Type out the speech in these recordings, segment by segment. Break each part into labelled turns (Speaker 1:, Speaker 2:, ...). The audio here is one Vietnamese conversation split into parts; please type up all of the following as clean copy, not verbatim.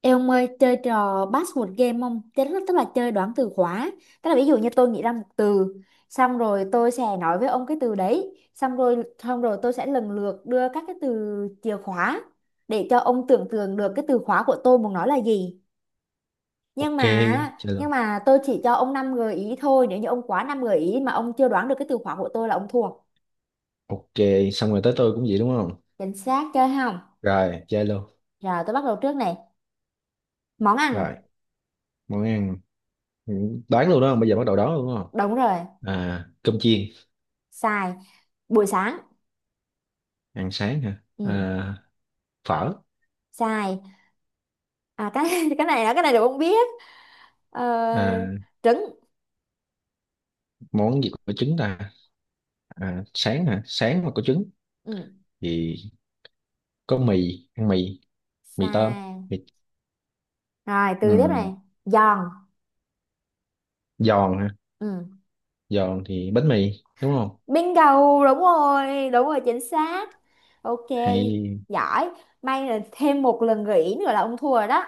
Speaker 1: Ê ông ơi, chơi trò password game không? Tức là chơi đoán từ khóa. Tức là ví dụ như tôi nghĩ ra một từ, xong rồi tôi sẽ nói với ông cái từ đấy, xong rồi tôi sẽ lần lượt đưa các cái từ chìa khóa để cho ông tưởng tượng được cái từ khóa của tôi muốn nói là gì. Nhưng
Speaker 2: Ok,
Speaker 1: mà
Speaker 2: chơi
Speaker 1: nhưng
Speaker 2: luôn.
Speaker 1: mà tôi chỉ cho ông 5 gợi ý thôi, nếu như ông quá 5 gợi ý mà ông chưa đoán được cái từ khóa của tôi là ông thua.
Speaker 2: Ok, xong rồi tới tôi cũng vậy đúng không?
Speaker 1: Chính xác, chơi không?
Speaker 2: Rồi chơi luôn.
Speaker 1: Rồi tôi bắt đầu trước này. Món ăn.
Speaker 2: Rồi. Món ăn. Ừ, đoán luôn đó, bây giờ bắt đầu đoán luôn đúng không?
Speaker 1: Đúng rồi.
Speaker 2: À, cơm chiên.
Speaker 1: Sai. Buổi sáng.
Speaker 2: Ăn sáng hả?
Speaker 1: Ừ.
Speaker 2: À, phở.
Speaker 1: Sai. Cái cái này là không biết. ờ,
Speaker 2: À,
Speaker 1: Trứng.
Speaker 2: món gì có trứng ta? À, sáng hả? Sáng mà có trứng
Speaker 1: Ừ.
Speaker 2: thì có mì, ăn mì. Mì tôm.
Speaker 1: Sai.
Speaker 2: Mì.
Speaker 1: Rồi từ tiếp
Speaker 2: Ừ.
Speaker 1: này. Giòn.
Speaker 2: Giòn hả?
Speaker 1: Ừ.
Speaker 2: Giòn thì bánh mì, đúng không?
Speaker 1: Bingo, đúng rồi, đúng rồi, chính xác. OK,
Speaker 2: Hay.
Speaker 1: giỏi. May là thêm một lần gợi ý nữa là ông thua rồi đó.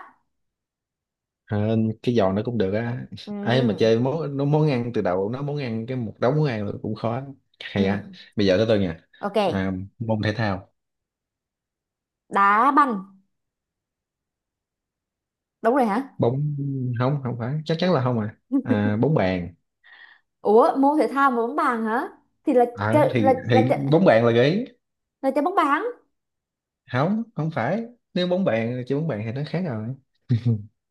Speaker 2: Ờ, cái giò nó cũng được á. Ấy mà
Speaker 1: Ừ.
Speaker 2: chơi món nó món ăn từ đầu nó món ăn cái một đống món ăn là cũng khó. Hay
Speaker 1: Ừ.
Speaker 2: à. Bây giờ tới tôi nha.
Speaker 1: OK.
Speaker 2: À, môn thể thao.
Speaker 1: Đá banh. Đúng rồi hả?
Speaker 2: Bóng. Không, không phải, chắc chắn là không. Bóng bàn.
Speaker 1: Ủa, môn thể thao mà bóng bàn hả? Thì là
Speaker 2: Ờ,
Speaker 1: chơi là
Speaker 2: thì
Speaker 1: là
Speaker 2: thì
Speaker 1: chơi,
Speaker 2: bóng bàn là gợi ý.
Speaker 1: là chơi bóng bàn.
Speaker 2: Không, không phải. Nếu bóng bàn chơi bóng bàn thì nó khác rồi.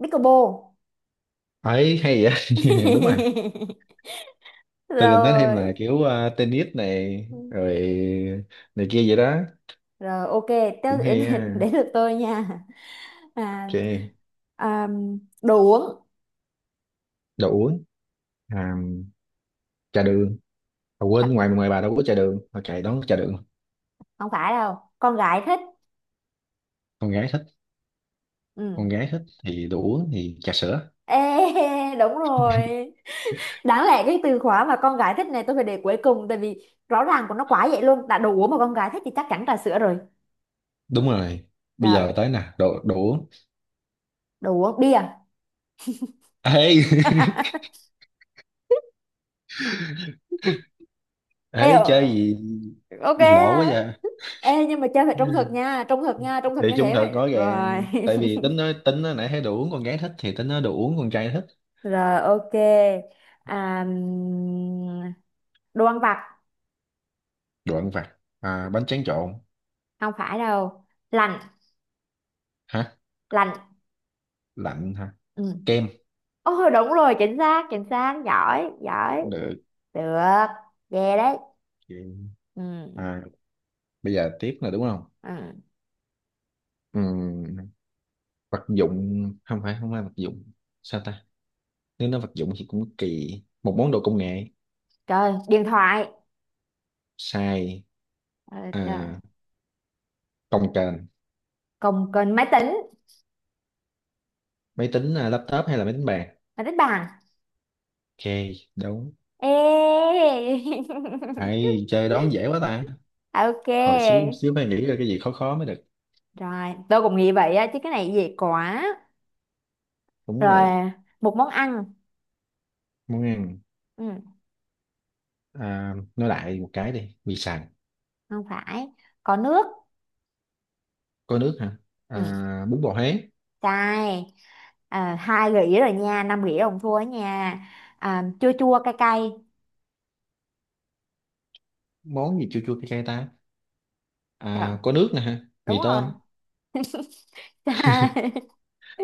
Speaker 1: Pickleball.
Speaker 2: Ấy hay vậy, đúng à? Tôi định nói thêm là
Speaker 1: Rồi.
Speaker 2: kiểu tennis này rồi này kia vậy đó.
Speaker 1: Rồi OK, tới
Speaker 2: Cũng
Speaker 1: đến.
Speaker 2: hay á.
Speaker 1: Đến được tôi nha. À,
Speaker 2: Ok,
Speaker 1: à, Đồ uống.
Speaker 2: đồ uống. À, trà đường. À,
Speaker 1: À,
Speaker 2: quên, ngoài ngoài bà đâu có trà đường mà chạy đón trà đường.
Speaker 1: không phải đâu, con gái thích.
Speaker 2: Con gái thích.
Speaker 1: Ừ.
Speaker 2: Con gái thích thì đồ uống thì trà sữa.
Speaker 1: Ê, đúng rồi. Đáng lẽ cái từ khóa mà con gái thích này tôi phải để cuối cùng tại vì rõ ràng của nó quá vậy luôn. Đã đồ uống mà con gái thích thì chắc chắn trà sữa rồi.
Speaker 2: Đúng rồi, bây
Speaker 1: Rồi,
Speaker 2: giờ tới nè. Đồ đồ uống.
Speaker 1: đồ uống bia.
Speaker 2: Ê.
Speaker 1: Ê,
Speaker 2: ê, chơi gì,
Speaker 1: OK.
Speaker 2: lỗ quá
Speaker 1: Á.
Speaker 2: vậy.
Speaker 1: Ê, nhưng mà chơi phải trung thực nha, trung thực nha, trung
Speaker 2: Thì
Speaker 1: thực như
Speaker 2: chung
Speaker 1: thế
Speaker 2: thực
Speaker 1: vậy.
Speaker 2: rõ
Speaker 1: Rồi.
Speaker 2: ràng, tại vì tính nói nãy thấy đồ uống con gái thích thì tính nói đồ uống con trai thích.
Speaker 1: Rồi OK. À, đồ ăn vặt.
Speaker 2: Đồ ăn vặt. À, bánh tráng trộn.
Speaker 1: Không phải đâu. Lành.
Speaker 2: Hả?
Speaker 1: Lành.
Speaker 2: Lạnh hả?
Speaker 1: Ừ.
Speaker 2: Kem.
Speaker 1: Ôi đúng rồi, chính xác, chính xác, giỏi, giỏi.
Speaker 2: Cũng được.
Speaker 1: Được. Về đấy.
Speaker 2: Kem.
Speaker 1: Ừ.
Speaker 2: À, bây giờ tiếp là đúng không?
Speaker 1: Ừ.
Speaker 2: Ừm, vật dụng. Không phải, không phải vật dụng. Sao ta? Nếu nó vật dụng thì cũng kỳ. Một món đồ công nghệ.
Speaker 1: Trời, điện thoại.
Speaker 2: Xài.
Speaker 1: Ờ,
Speaker 2: À,
Speaker 1: trời.
Speaker 2: cồng kềnh.
Speaker 1: Còn còn máy tính.
Speaker 2: Máy tính. À, laptop hay là máy tính bàn.
Speaker 1: Máy tính bàn.
Speaker 2: Ok. Đúng.
Speaker 1: Ê.
Speaker 2: Hay chơi đón dễ quá ta. Hồi xíu
Speaker 1: OK.
Speaker 2: xíu phải nghĩ ra cái gì khó khó mới được.
Speaker 1: Rồi tôi cũng nghĩ vậy á chứ cái này dễ quá.
Speaker 2: Đúng rồi.
Speaker 1: Rồi, một món ăn.
Speaker 2: Món ăn.
Speaker 1: Ừ.
Speaker 2: À, nói lại một cái đi. Mì sành.
Speaker 1: Không phải. Có nước.
Speaker 2: Có nước hả?
Speaker 1: Ừ.
Speaker 2: À, bún bò Huế.
Speaker 1: Cay. À, hai gỉ rồi nha, năm gỉ ông thua nha. À, chua chua cay cay.
Speaker 2: Món gì chua chua cay cay ta?
Speaker 1: Trời,
Speaker 2: À, có nước nè hả?
Speaker 1: đúng
Speaker 2: Mì
Speaker 1: rồi.
Speaker 2: tôm.
Speaker 1: Cay.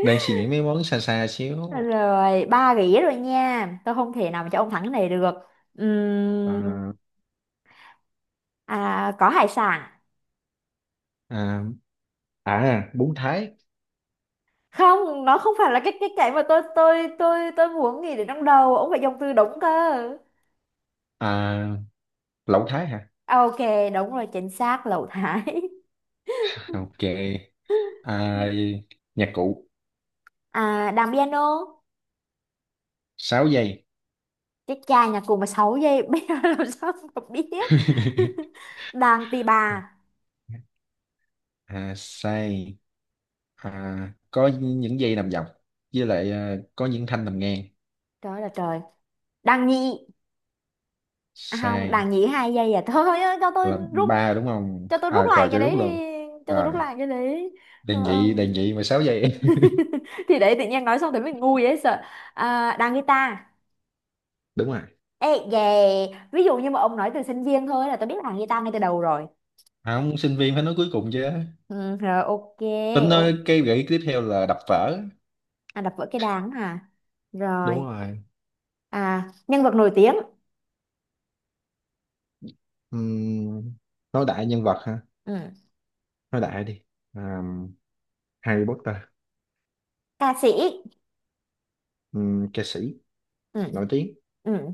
Speaker 2: Đang suy nghĩ mấy món xa xa xíu.
Speaker 1: Rồi ba gỉ rồi nha, tôi không thể nào mà cho ông thắng cái này được. Ừm,
Speaker 2: à,
Speaker 1: có hải sản.
Speaker 2: à, bún Thái.
Speaker 1: Không, nó không phải là cái cái mà tôi muốn nghĩ đến trong đầu, ông phải dùng từ đúng cơ.
Speaker 2: À, lẩu Thái hả?
Speaker 1: OK, đúng rồi, chính xác, lẩu thái.
Speaker 2: Ok. À, nhạc cụ.
Speaker 1: À, đàn piano.
Speaker 2: 6 giây.
Speaker 1: Cái cha nhà cùng mà 6 giây. Bây giờ làm sao mà biết. Đàn tì bà.
Speaker 2: à, say. À, có những dây nằm dọc, với lại à, có những thanh nằm ngang.
Speaker 1: Trời ơi là trời. Đàn nhị. À không,
Speaker 2: Sai.
Speaker 1: đàn nhị hai giây. À thôi ơi, cho tôi
Speaker 2: Là
Speaker 1: rút.
Speaker 2: ba đúng không?
Speaker 1: Cho tôi rút
Speaker 2: À
Speaker 1: lại
Speaker 2: rồi
Speaker 1: cái
Speaker 2: cho
Speaker 1: đấy
Speaker 2: rút
Speaker 1: đi.
Speaker 2: luôn.
Speaker 1: Cho tôi
Speaker 2: Rồi.
Speaker 1: rút lại cái đấy.
Speaker 2: Đề
Speaker 1: Ờ,
Speaker 2: nghị, đề nghị mà 6 giây.
Speaker 1: thì để tự nhiên nói xong thì mình ngu vậy sợ. À, đàn guitar.
Speaker 2: đúng rồi.
Speaker 1: Ê về. Ví dụ như mà ông nói từ sinh viên thôi là tôi biết đàn guitar ngay từ đầu rồi.
Speaker 2: À, không, sinh viên phải nói cuối cùng chứ.
Speaker 1: Ừ, rồi OK.
Speaker 2: Tính nói
Speaker 1: Ô,
Speaker 2: cái gợi ý tiếp theo là đập vỡ.
Speaker 1: à, đập vỡ cái đàn hả?
Speaker 2: Đúng
Speaker 1: Rồi.
Speaker 2: rồi.
Speaker 1: À, nhân vật nổi tiếng.
Speaker 2: Ừm, nói đại nhân vật ha.
Speaker 1: Ừ.
Speaker 2: Nói đại đi. À, Harry Potter.
Speaker 1: Ca sĩ.
Speaker 2: Ca sĩ.
Speaker 1: Ừ.
Speaker 2: Nổi tiếng.
Speaker 1: Ừ.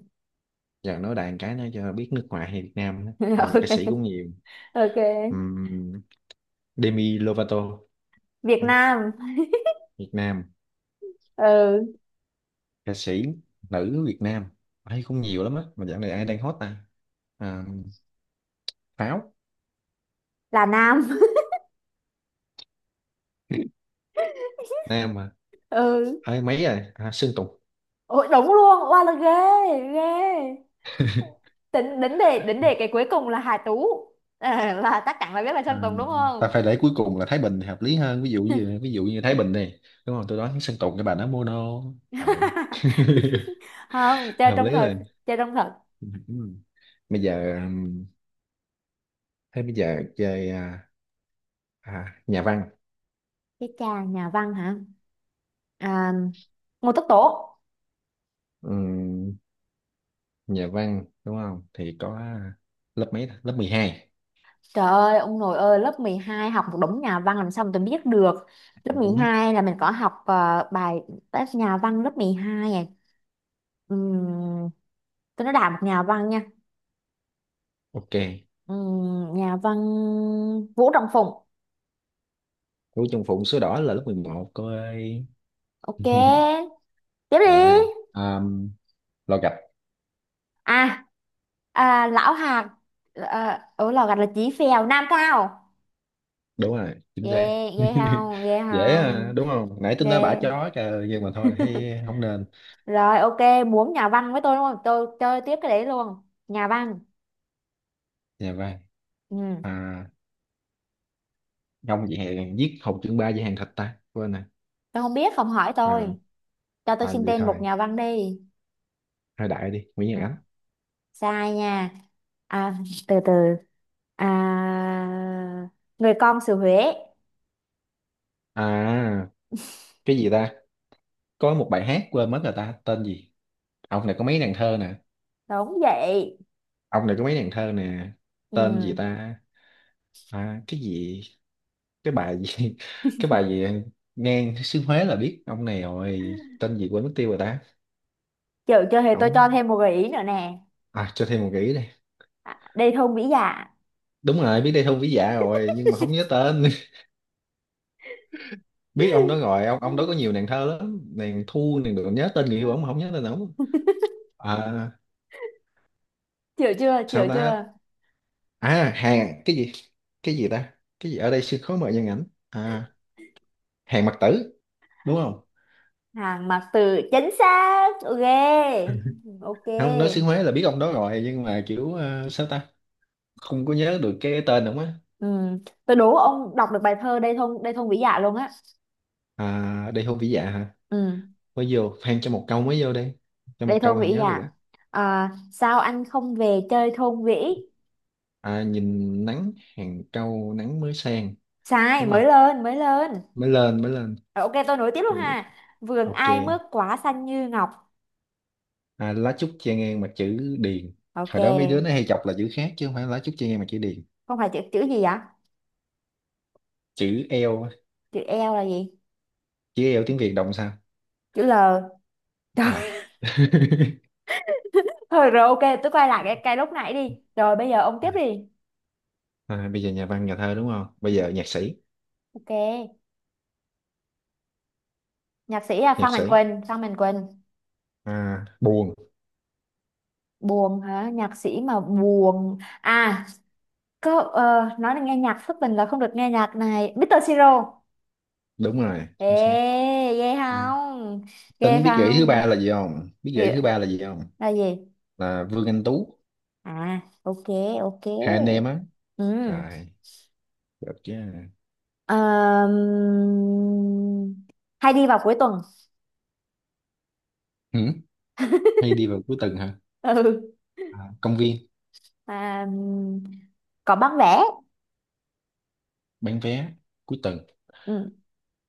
Speaker 2: Giờ nói đại cái nữa cho biết nước ngoài hay Việt Nam nữa. À, mà ca
Speaker 1: OK.
Speaker 2: sĩ cũng nhiều.
Speaker 1: OK.
Speaker 2: Ừm, Demi Lovato.
Speaker 1: Việt
Speaker 2: Đấy,
Speaker 1: Nam.
Speaker 2: Việt Nam.
Speaker 1: Ừ.
Speaker 2: Ca sĩ nữ Việt Nam ấy cũng nhiều lắm á, mà dạo này ai đang hot ta? À, Pháo.
Speaker 1: Là Nam.
Speaker 2: Nam mà.
Speaker 1: Ừ.
Speaker 2: Ấy mấy rồi, à Sơn Tùng.
Speaker 1: Ôi, đúng luôn. Wow, là ghê, ghê. Tính đến đề cái cuối cùng là Hà Tú. À, là chắc chắn là biết là Sơn Tùng đúng
Speaker 2: Ta
Speaker 1: không?
Speaker 2: phải để cuối cùng là Thái Bình thì hợp lý hơn. Ví dụ như Thái Bình này, đúng không? Tôi nói Sơn Tùng cái bà nó mono. À.
Speaker 1: Không, chơi
Speaker 2: hợp lý
Speaker 1: trong
Speaker 2: là.
Speaker 1: thật. Chơi trong thật.
Speaker 2: Ừ. Bây giờ, thế bây giờ chơi à, à, nhà văn.
Speaker 1: Cái cha nhà văn hả? À, Ngô Tất Tố.
Speaker 2: Ừm, nhà văn đúng không thì có lớp mấy ta? Lớp 12.
Speaker 1: Trời ơi, ông nội ơi, lớp 12 học một đống nhà văn làm sao mà tôi biết được. Lớp
Speaker 2: Ừ.
Speaker 1: 12 là mình có học bài test nhà văn lớp 12 này. Ừm, tôi nói đại một nhà văn nha.
Speaker 2: Ok.
Speaker 1: Nhà văn Vũ Trọng Phụng.
Speaker 2: Của Trung Phụng số đỏ là lớp 11 cô ơi.
Speaker 1: OK, tiếp đi.
Speaker 2: rồi lo gạch.
Speaker 1: À, à, Lão Hạt. À, ở Lò Gạch là Chí Phèo, Nam Cao.
Speaker 2: Đúng rồi, chính xác.
Speaker 1: Ghê, ghê không, ghê
Speaker 2: dễ à,
Speaker 1: không,
Speaker 2: đúng không? Nãy tôi nói bả
Speaker 1: ghê.
Speaker 2: chó trời nhưng mà thôi thấy không nên.
Speaker 1: Rồi, OK, muốn nhà văn với tôi đúng không? Tôi chơi tiếp cái đấy luôn. Nhà văn.
Speaker 2: Nhà văn.
Speaker 1: Ừ.
Speaker 2: À, không vậy hè, giết Hồng Chương Ba về hàng thịt ta quên nè.
Speaker 1: Tôi không biết, không hỏi
Speaker 2: à,
Speaker 1: tôi. Cho tôi xin
Speaker 2: vậy
Speaker 1: tên một
Speaker 2: thôi.
Speaker 1: nhà văn đi.
Speaker 2: Thôi đại đi, Nguyễn Nhật
Speaker 1: Ừ,
Speaker 2: Ánh.
Speaker 1: sai nha. À, từ từ. À, người con xứ Huế.
Speaker 2: À, cái gì ta? Có một bài hát quên mất rồi ta, tên gì? Ông này có mấy nàng thơ nè.
Speaker 1: Đúng vậy.
Speaker 2: Ông này có mấy nàng thơ nè. Tên gì
Speaker 1: Ừ.
Speaker 2: ta? À, cái gì, cái bài gì, cái bài gì? Ngang xứ Huế là biết ông này rồi, tên gì quên mất tiêu rồi ta.
Speaker 1: Chịu chưa thì tôi cho
Speaker 2: Ông.
Speaker 1: thêm một gợi ý nữa nè.
Speaker 2: À, cho thêm một gợi ý. Đây
Speaker 1: Đây thôn Vĩ Dạ.
Speaker 2: đúng rồi, biết đây thu vĩ dạ rồi nhưng mà không nhớ tên. biết ông đó rồi, ông đó có nhiều nàng thơ lắm, nàng thu nàng được nhớ tên người yêu ông mà không nhớ tên ông. À,
Speaker 1: Chịu chưa,
Speaker 2: sao
Speaker 1: chịu
Speaker 2: ta?
Speaker 1: chưa.
Speaker 2: À, hàng cái gì? Cái gì ta? Cái gì ở đây sương khói mờ nhân ảnh à? Hàng Mặc Tử, đúng không?
Speaker 1: Hàng mặc từ, chính xác. OK.
Speaker 2: không, nói xứ
Speaker 1: OK.
Speaker 2: Huế là biết ông đó rồi nhưng mà kiểu sao ta, không có nhớ được cái tên đúng á.
Speaker 1: Ừ. Tôi đố ông đọc được bài thơ Đây thôn Vĩ Dạ luôn á.
Speaker 2: À, đây hôn vĩ dạ hả?
Speaker 1: Ừ.
Speaker 2: Mới vô phan cho một câu mới vô đây, cho một
Speaker 1: Đây thôn
Speaker 2: câu thì
Speaker 1: Vĩ
Speaker 2: nhớ được
Speaker 1: à?
Speaker 2: á.
Speaker 1: À sao anh không về chơi thôn Vĩ?
Speaker 2: À, nhìn nắng hàng cau nắng mới sang,
Speaker 1: Sai,
Speaker 2: đúng
Speaker 1: mới
Speaker 2: không?
Speaker 1: lên, mới lên.
Speaker 2: Mới lên, mới lên.
Speaker 1: Rồi, OK, tôi nối tiếp luôn ha. Vườn
Speaker 2: Ok.
Speaker 1: ai mướt quả xanh như ngọc.
Speaker 2: À, lá trúc che ngang mặt chữ điền.
Speaker 1: OK,
Speaker 2: Hồi đó mấy đứa nó hay chọc là chữ khác chứ không phải lá trúc che ngang mặt chữ điền.
Speaker 1: không phải chữ chữ gì vậy?
Speaker 2: Chữ L.
Speaker 1: Chữ L là gì?
Speaker 2: Chứ yêu tiếng Việt động sao.
Speaker 1: Chữ L.
Speaker 2: À.
Speaker 1: Trời. Thôi rồi OK, tôi quay lại cái lúc nãy đi. Rồi bây giờ ông tiếp đi.
Speaker 2: à, bây giờ nhà văn nhà thơ đúng không, bây giờ
Speaker 1: Ừ.
Speaker 2: nhạc sĩ.
Speaker 1: OK, nhạc sĩ là
Speaker 2: Nhạc
Speaker 1: Phan Mạnh
Speaker 2: sĩ.
Speaker 1: Quỳnh, Phan Mạnh Quỳnh.
Speaker 2: À, buồn.
Speaker 1: Buồn hả? Nhạc sĩ mà buồn. À, có nói là nghe nhạc thất tình là không được nghe nhạc này. Mr. Siro.
Speaker 2: Đúng rồi,
Speaker 1: Ê,
Speaker 2: chính xác.
Speaker 1: ghê
Speaker 2: À.
Speaker 1: không? Ghê
Speaker 2: Tính biết gợi ý thứ ba
Speaker 1: không?
Speaker 2: là gì không? Biết gợi ý
Speaker 1: Ghê-
Speaker 2: thứ ba là gì không?
Speaker 1: Là gì?
Speaker 2: Là Vương Anh Tú.
Speaker 1: À, OK,
Speaker 2: Hai anh em
Speaker 1: OK.
Speaker 2: á.
Speaker 1: Ừ.
Speaker 2: Rồi được chứ.
Speaker 1: Ờm, hay đi vào cuối tuần.
Speaker 2: Ừ. Hay đi vào cuối tuần hả?
Speaker 1: Ừ.
Speaker 2: À, công viên.
Speaker 1: À, có bán vé.
Speaker 2: Bán vé. Cuối tuần.
Speaker 1: Ừ.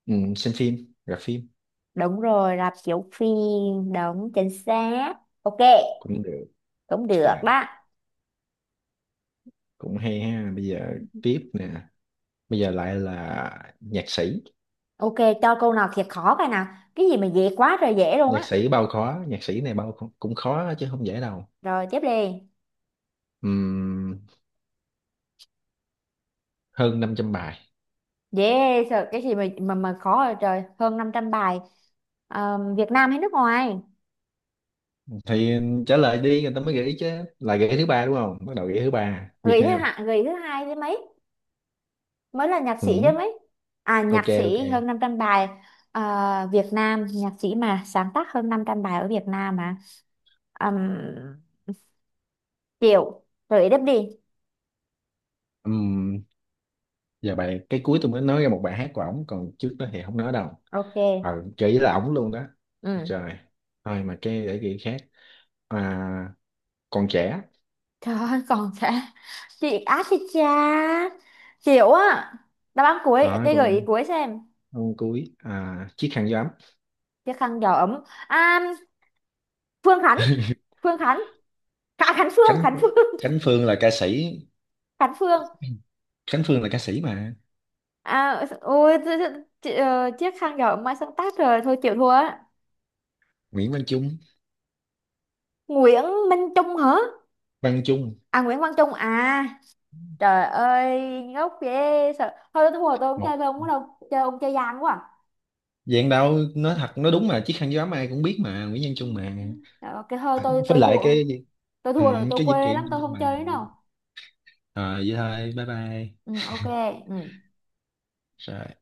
Speaker 2: Ừ, xem phim, gặp phim.
Speaker 1: Đúng rồi, rạp chiếu phim. Đúng, chính xác. OK,
Speaker 2: Cũng được.
Speaker 1: cũng được
Speaker 2: Rồi,
Speaker 1: đó.
Speaker 2: cũng hay ha. Bây giờ tiếp nè. Bây giờ lại là nhạc sĩ.
Speaker 1: OK, cho câu nào thiệt khó coi nào. Cái gì mà dễ quá rồi dễ luôn
Speaker 2: Nhạc
Speaker 1: á.
Speaker 2: sĩ bao khó. Nhạc sĩ này bao cũng cũng khó chứ không dễ đâu.
Speaker 1: Rồi, tiếp đi.
Speaker 2: Ừm, hơn 500 bài.
Speaker 1: Dễ sợ cái gì mà mà khó rồi, trời, hơn 500 bài. Ờ, Việt Nam hay nước ngoài?
Speaker 2: Thì trả lời đi người ta mới gợi ý chứ. Là gợi ý thứ ba đúng không? Bắt đầu gợi ý thứ ba. Việt
Speaker 1: Người thứ
Speaker 2: Nam.
Speaker 1: hạng, người thứ hai chứ mấy. Mới là nhạc
Speaker 2: Ừ,
Speaker 1: sĩ chứ mấy. À,
Speaker 2: ok.
Speaker 1: nhạc
Speaker 2: Ok.
Speaker 1: sĩ hơn 500 bài. Ờ, Việt Nam, nhạc sĩ mà sáng tác hơn 500 bài ở Việt Nam mà. Um, chịu. Rồi đáp đi.
Speaker 2: Ừm, giờ bài cái cuối tôi mới nói ra một bài hát của ổng, còn trước đó thì không nói đâu.
Speaker 1: OK.
Speaker 2: Gợi ý là ổng luôn đó.
Speaker 1: Ừ.
Speaker 2: Trời. Thôi mà, cái để gợi ý khác. À, còn trẻ.
Speaker 1: Trời ơi, còn sẽ. Chị á thì cha. Chịu á. Đáp án cuối,
Speaker 2: À,
Speaker 1: cái gợi ý
Speaker 2: còn
Speaker 1: cuối xem.
Speaker 2: ông cuối. À, chiếc khăn gió ấm.
Speaker 1: Chiếc khăn gió ấm. À, Phương Khánh Phương Khánh. À, Khánh Phương
Speaker 2: Khánh.
Speaker 1: Khánh Phương
Speaker 2: Khánh Phương là ca sĩ.
Speaker 1: Khánh Phương.
Speaker 2: Khánh Phương là ca sĩ mà.
Speaker 1: À ôi chiếc khăn gọi mai sáng tác rồi thôi chịu thua á.
Speaker 2: Nguyễn Văn Trung.
Speaker 1: Nguyễn Minh Trung hả?
Speaker 2: Văn Trung.
Speaker 1: À Nguyễn Văn Trung à. Trời ơi ngốc ghê sợ, thôi tôi thua, tôi không chơi
Speaker 2: Một
Speaker 1: với ông nữa đâu, chơi ông chơi gian quá à.
Speaker 2: dạng đạo nói thật, nói đúng mà chiếc khăn gió ai cũng biết mà Nguyễn Văn Trung mà.
Speaker 1: Cái OK thôi, tôi
Speaker 2: Với
Speaker 1: tôi
Speaker 2: lại
Speaker 1: thua.
Speaker 2: cái.
Speaker 1: Tôi
Speaker 2: Ừ,
Speaker 1: thua rồi, tôi
Speaker 2: cái dữ
Speaker 1: quê
Speaker 2: kiện
Speaker 1: lắm, tôi
Speaker 2: trên
Speaker 1: không
Speaker 2: bà.
Speaker 1: chơi nữa đâu.
Speaker 2: Rồi vậy thôi, bye bye.
Speaker 1: Ừ, OK. Ừ.
Speaker 2: Rồi.